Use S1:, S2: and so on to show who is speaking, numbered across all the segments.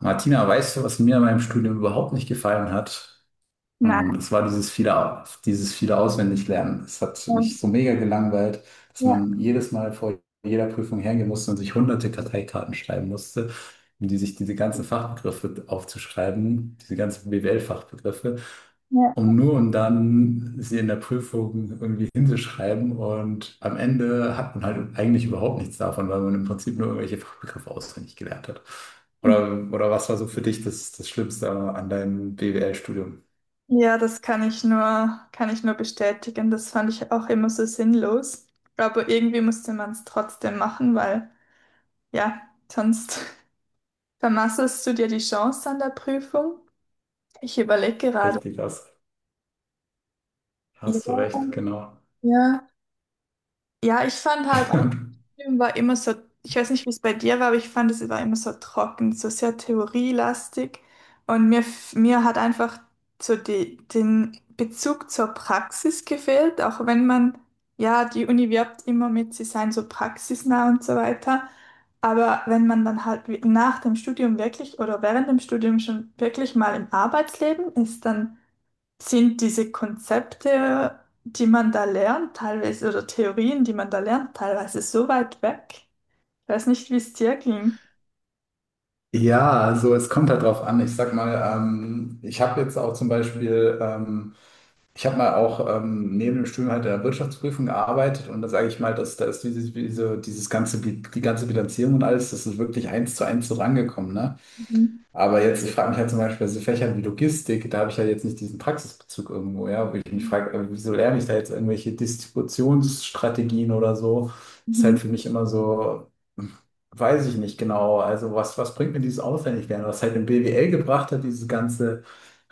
S1: Martina, weißt du, was mir an meinem Studium überhaupt nicht gefallen hat?
S2: Nein.
S1: Es war dieses viele Auswendiglernen. Es hat mich so mega gelangweilt, dass
S2: Ja,
S1: man jedes Mal vor jeder Prüfung hergehen musste und sich hunderte Karteikarten schreiben musste, um die sich diese ganzen Fachbegriffe aufzuschreiben, diese ganzen BWL-Fachbegriffe,
S2: ja.
S1: um nur und dann sie in der Prüfung irgendwie hinzuschreiben. Und am Ende hat man halt eigentlich überhaupt nichts davon, weil man im Prinzip nur irgendwelche Fachbegriffe auswendig gelernt hat. Oder was war so für dich das Schlimmste an deinem BWL-Studium?
S2: Ja, das kann ich nur bestätigen. Das fand ich auch immer so sinnlos. Aber irgendwie musste man es trotzdem machen, weil ja, sonst vermasselst du dir die Chance an der Prüfung. Ich überlege gerade.
S1: Richtig, hast du
S2: Ja,
S1: recht, genau.
S2: ja. Ja, ich fand halt auch, der Film war immer so, ich weiß nicht, wie es bei dir war, aber ich fand, es war immer so trocken, so sehr theorielastig. Und mir, mir hat einfach so die, den Bezug zur Praxis gefehlt, auch wenn man, ja, die Uni wirbt immer mit, sie seien so praxisnah und so weiter. Aber wenn man dann halt nach dem Studium wirklich oder während dem Studium schon wirklich mal im Arbeitsleben ist, dann sind diese Konzepte, die man da lernt, teilweise, oder Theorien, die man da lernt, teilweise so weit weg. Ich weiß nicht, wie es dir ging.
S1: Ja, also es kommt halt drauf an. Ich sag mal, ich habe jetzt auch zum Beispiel, ich habe mal auch neben dem Studium halt in der Wirtschaftsprüfung gearbeitet, und da sage ich mal, dass da ist dieses ganze, die ganze Bilanzierung und alles, das ist wirklich eins zu eins so rangekommen, ne?
S2: Mhm.
S1: Aber jetzt, ich frage mich halt zum Beispiel bei so Fächern wie Logistik, da habe ich halt jetzt nicht diesen Praxisbezug irgendwo, ja, wo ich mich frage, wieso lerne ich da jetzt irgendwelche Distributionsstrategien oder so? Ist halt
S2: Mhm.
S1: für mich immer so, hm, weiß ich nicht genau. Also was bringt mir dieses Auswendiglernen? Was halt im BWL gebracht hat, dieses ganze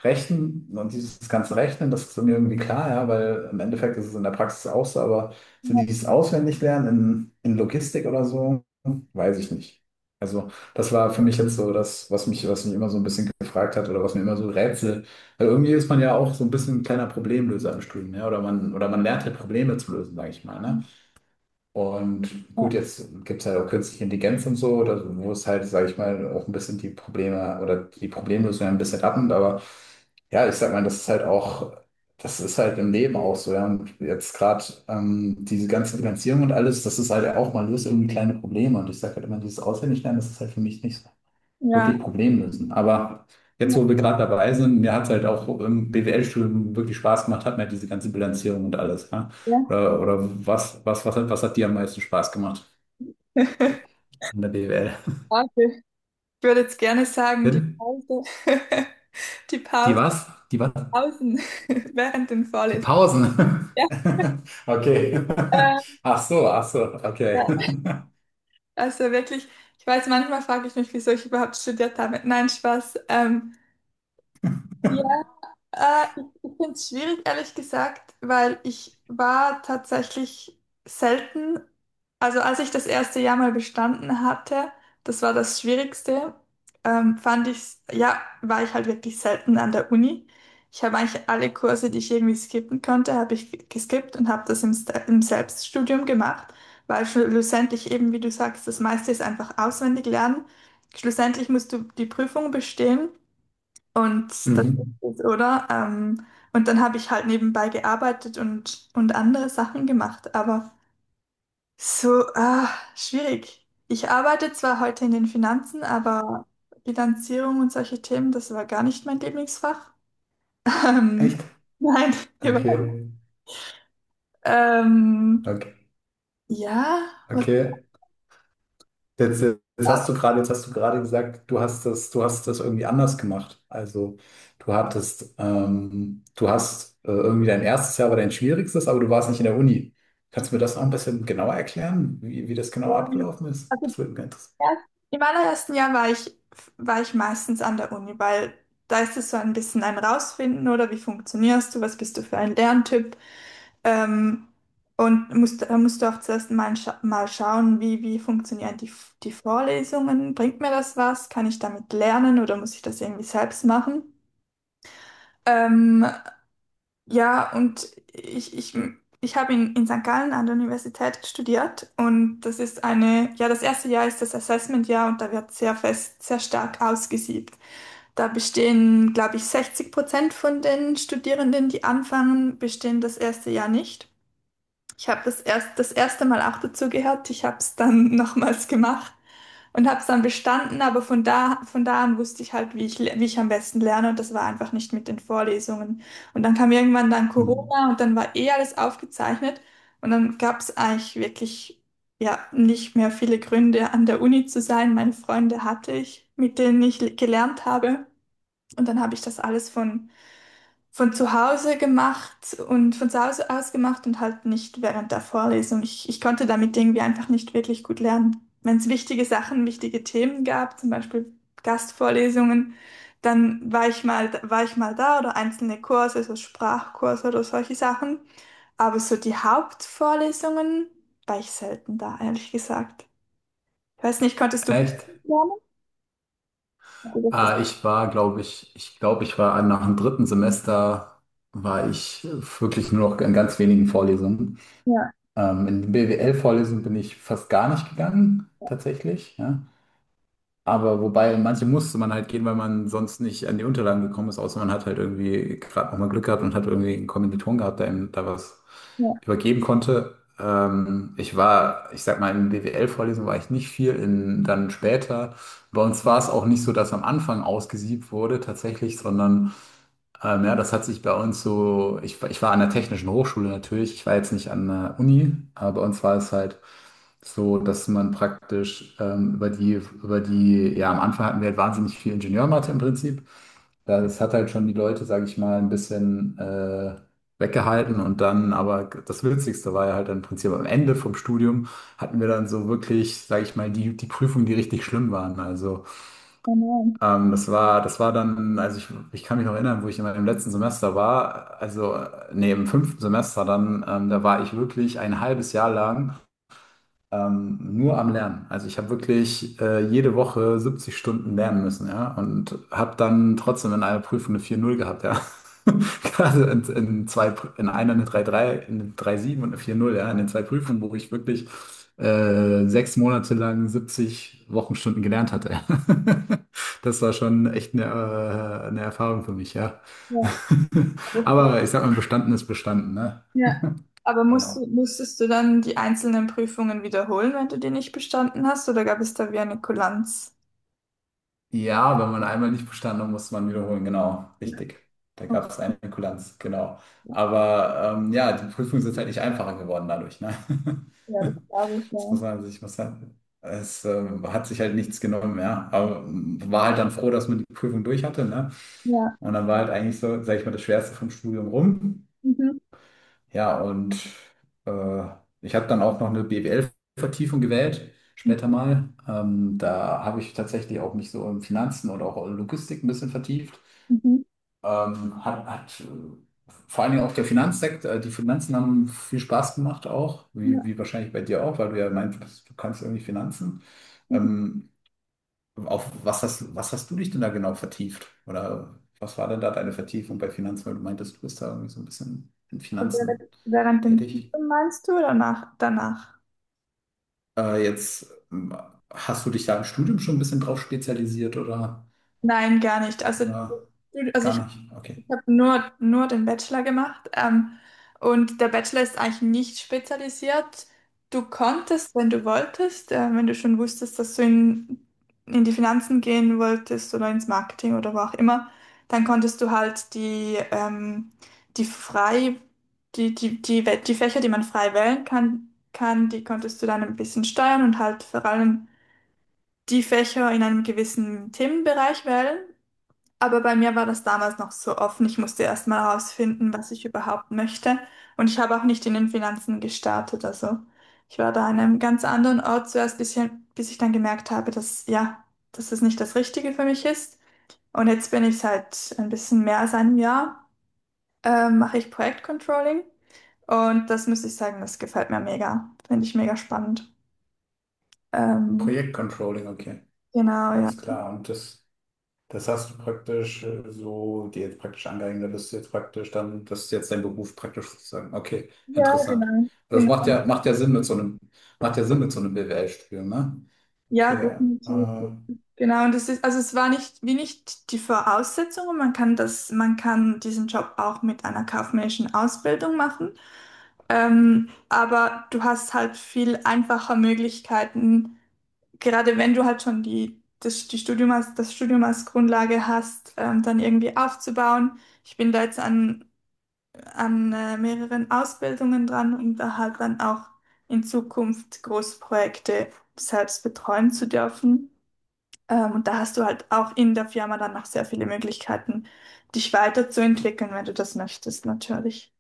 S1: Rechnen und dieses ganze Rechnen, das ist mir irgendwie klar, ja, weil im Endeffekt ist es in der Praxis auch so, aber so
S2: Ja,
S1: dieses Auswendiglernen in Logistik oder so, weiß ich nicht. Also das war für mich jetzt so das, was mich immer so ein bisschen gefragt hat oder was mir immer so rätselt. Weil irgendwie ist man ja auch so ein bisschen ein kleiner Problemlöser im Studium, ja. Oder man lernt halt Probleme zu lösen, sage ich mal, ne? Und gut,
S2: ja,
S1: jetzt gibt es halt auch künstliche Intelligenz und so, oder so, wo es halt, sage ich mal, auch ein bisschen die Probleme oder die Problemlösung ein bisschen abnimmt. Aber ja, ich sag mal, das ist halt auch, das ist halt im Leben auch so, ja. Und jetzt gerade diese ganze Finanzierung und alles, das ist halt auch, man löst irgendwie kleine Probleme. Und ich sage halt immer, dieses Auswendiglernen, das ist halt für mich nicht so
S2: ja,
S1: wirklich Problem lösen. Aber jetzt,
S2: ja,
S1: wo wir gerade dabei sind, mir hat es halt auch im BWL-Studium wirklich Spaß gemacht, hat mir diese ganze Bilanzierung und alles. Ja?
S2: ja.
S1: Oder was hat dir am meisten Spaß gemacht an der BWL?
S2: Warte. Ich würde jetzt gerne sagen, die
S1: Bin?
S2: Pause, die
S1: Die
S2: Pause,
S1: was? Die was?
S2: Pausen während den
S1: Die
S2: Vorlesungen.
S1: Pausen.
S2: Ja,
S1: Okay.
S2: äh,
S1: Ach so, okay.
S2: ja. Also wirklich, ich weiß, manchmal frage ich mich, wieso ich überhaupt studiert habe. Nein, Spaß. Ich finde es schwierig, ehrlich gesagt, weil ich war tatsächlich selten, also als ich das erste Jahr mal bestanden hatte, das war das Schwierigste, fand ich, ja, war ich halt wirklich selten an der Uni. Ich habe eigentlich alle Kurse, die ich irgendwie skippen konnte, habe ich geskippt und habe das im Selbststudium gemacht, weil schlussendlich eben, wie du sagst, das meiste ist einfach auswendig lernen. Schlussendlich musst du die Prüfung bestehen. Und das
S1: Mhm.
S2: ist es, oder? Und dann habe ich halt nebenbei gearbeitet und andere Sachen gemacht. Aber so, ah, schwierig. Ich arbeite zwar heute in den Finanzen, aber Bilanzierung und solche Themen, das war gar nicht mein Lieblingsfach. Ähm,
S1: Echt?
S2: nein, überhaupt nicht.
S1: Okay.
S2: Ähm,
S1: Okay.
S2: ja, was soll
S1: Okay.
S2: ich
S1: Jetzt, jetzt jetzt hast du gerade gesagt, du hast das irgendwie anders gemacht. Also du hattest, du hast irgendwie, dein erstes Jahr war dein schwierigstes, aber du warst nicht in der Uni. Kannst du mir das noch ein bisschen genauer erklären, wie das genau
S2: sagen?
S1: abgelaufen ist?
S2: Also,
S1: Das würde mich interessieren.
S2: ja, im allerersten Jahr war ich, meistens an der Uni, weil da ist es so ein bisschen ein Rausfinden, oder wie funktionierst du, was bist du für ein Lerntyp? Ähm, und da musst du auch zuerst mal, scha mal schauen, wie funktionieren die Vorlesungen? Bringt mir das was? Kann ich damit lernen oder muss ich das irgendwie selbst machen? Ähm, ja, und ich habe in St. Gallen an der Universität studiert und das ist eine, ja, das erste Jahr ist das Assessment-Jahr und da wird sehr fest, sehr stark ausgesiebt. Da bestehen, glaube ich, 60% von den Studierenden, die anfangen, bestehen das erste Jahr nicht. Ich habe das erst das erste Mal auch dazu gehört. Ich habe es dann nochmals gemacht und habe es dann bestanden. Aber von da an wusste ich halt, wie ich am besten lerne. Und das war einfach nicht mit den Vorlesungen. Und dann kam irgendwann dann
S1: Mhm.
S2: Corona und dann war eh alles aufgezeichnet. Und dann gab es eigentlich wirklich ja nicht mehr viele Gründe, an der Uni zu sein. Meine Freunde hatte ich, mit denen ich gelernt habe. Und dann habe ich das alles von zu Hause gemacht und von zu Hause aus gemacht und halt nicht während der Vorlesung. Ich konnte damit irgendwie einfach nicht wirklich gut lernen. Wenn es wichtige Sachen, wichtige Themen gab, zum Beispiel Gastvorlesungen, dann war ich mal da oder einzelne Kurse, so Sprachkurse oder solche Sachen. Aber so die Hauptvorlesungen war ich selten da, ehrlich gesagt. Ich weiß nicht, konntest du gut
S1: Echt?
S2: lernen?
S1: Ah, ich war, glaube ich, ich glaube, ich war nach dem 3. Semester, war ich wirklich nur noch in ganz wenigen Vorlesungen.
S2: Ja,
S1: In die bwl vorlesungen bin ich fast gar nicht gegangen, tatsächlich. Ja. Aber wobei, in manche musste man halt gehen, weil man sonst nicht an die Unterlagen gekommen ist, außer man hat halt irgendwie gerade nochmal Glück gehabt und hat irgendwie einen Kommilitonen gehabt, der ihm da was
S2: ja,
S1: übergeben konnte. Ich war, ich sag mal, in BWL-Vorlesungen war ich nicht viel, in, dann später. Bei uns war es auch nicht so, dass am Anfang ausgesiebt wurde tatsächlich, sondern ja, das hat sich bei uns so, ich war an der Technischen Hochschule natürlich, ich war jetzt nicht an der Uni, aber bei uns war es halt so, dass man praktisch über über die, ja, am Anfang hatten wir halt wahnsinnig viel Ingenieurmathe im Prinzip. Ja, das hat halt schon die Leute, sage ich mal, ein bisschen weggehalten, und dann, aber das Witzigste war ja halt dann im Prinzip am Ende vom Studium, hatten wir dann so wirklich, sage ich mal, die Prüfungen, die richtig schlimm waren. Also das war dann, also ich kann mich noch erinnern, wo ich in meinem letzten Semester war, also im 5. Semester dann, da war ich wirklich ein halbes Jahr lang nur am Lernen. Also ich habe wirklich jede Woche 70 Stunden lernen müssen, ja, und habe dann trotzdem in einer Prüfung eine 4,0 gehabt, ja. Gerade in einer eine 3,3, in eine 3,7 und eine 4,0, ja, in den zwei Prüfungen, wo ich wirklich 6 Monate lang 70 Wochenstunden gelernt hatte, ja. Das war schon echt eine Erfahrung für mich, ja.
S2: ja.
S1: Aber ich sag mal, bestanden ist bestanden, ne?
S2: Ja. Aber
S1: Genau.
S2: musstest du dann die einzelnen Prüfungen wiederholen, wenn du die nicht bestanden hast, oder gab es da wie eine Kulanz?
S1: Ja, wenn man einmal nicht bestanden hat, musste man wiederholen, genau,
S2: Ja,
S1: richtig. Da gab es eine Kulanz, genau. Aber ja, die Prüfungen sind halt nicht einfacher geworden dadurch, ne?
S2: ja, das glaube ich,
S1: Das muss
S2: ja.
S1: man sich, es hat sich halt nichts genommen, ja. Aber war halt dann froh, dass man die Prüfung durch hatte, ne?
S2: Ja.
S1: Und dann war halt eigentlich so, sag ich mal, das Schwerste vom Studium rum.
S2: Mhm.
S1: Ja, und äh, ich habe dann auch noch eine BWL-Vertiefung gewählt, später mal. Da habe ich tatsächlich auch mich so in Finanzen oder auch in Logistik ein bisschen vertieft.
S2: Mhm.
S1: Hat, hat Vor allen Dingen auch der Finanzsektor, die Finanzen haben viel Spaß gemacht auch,
S2: Ja.
S1: wie wahrscheinlich bei dir auch, weil du ja meintest, du kannst irgendwie Finanzen.
S2: Mhm.
S1: Ähm, auf was was hast du dich denn da genau vertieft? Oder was war denn da deine Vertiefung bei Finanzen, weil du meintest, du bist da irgendwie so ein bisschen in Finanzen
S2: Während dem
S1: tätig?
S2: Studium meinst du oder danach?
S1: Jetzt Hast du dich da im Studium schon ein bisschen drauf spezialisiert
S2: Nein, gar nicht. Also,
S1: oder
S2: du- also
S1: gar
S2: ich
S1: nicht? Okay.
S2: Ich habe nur den Bachelor gemacht. Und der Bachelor ist eigentlich nicht spezialisiert. Du konntest, wenn du wolltest, wenn du schon wusstest, dass du in die Finanzen gehen wolltest oder ins Marketing oder wo auch immer, dann konntest du halt die frei, die die Fächer, die man frei wählen kann, die konntest du dann ein bisschen steuern und halt vor allem die Fächer in einem gewissen Themenbereich wählen. Aber bei mir war das damals noch so offen. Ich musste erst mal herausfinden, was ich überhaupt möchte. Und ich habe auch nicht in den Finanzen gestartet. Also ich war da an einem ganz anderen Ort zuerst, bis ich dann gemerkt habe, dass es nicht das Richtige für mich ist. Und jetzt bin ich seit ein bisschen mehr als einem Jahr, mache ich Projektcontrolling. Und das muss ich sagen, das gefällt mir mega. Finde ich mega spannend. Ähm,
S1: Projektcontrolling, okay.
S2: genau, ja.
S1: Alles klar. Und das, das hast du praktisch so dir jetzt praktisch angeeignet, das ist jetzt praktisch dann, das ist jetzt dein Beruf praktisch sozusagen. Okay,
S2: Ja,
S1: interessant.
S2: genau,
S1: Das
S2: genau.
S1: macht ja Sinn mit so einem, macht ja Sinn mit so einem BWL-Studium, ne?
S2: Ja,
S1: Okay.
S2: definitiv. Genau, und das ist, also es war nicht, wie nicht die Voraussetzung, und man kann diesen Job auch mit einer kaufmännischen Ausbildung machen. Aber du hast halt viel einfacher Möglichkeiten, gerade wenn du halt schon die, das, die Studium als, das Studium als Grundlage hast, dann irgendwie aufzubauen. Ich bin da jetzt an mehreren Ausbildungen dran, um da halt dann auch in Zukunft Großprojekte selbst betreuen zu dürfen. Und da hast du halt auch in der Firma dann noch sehr viele Möglichkeiten, dich weiterzuentwickeln, wenn du das möchtest, natürlich.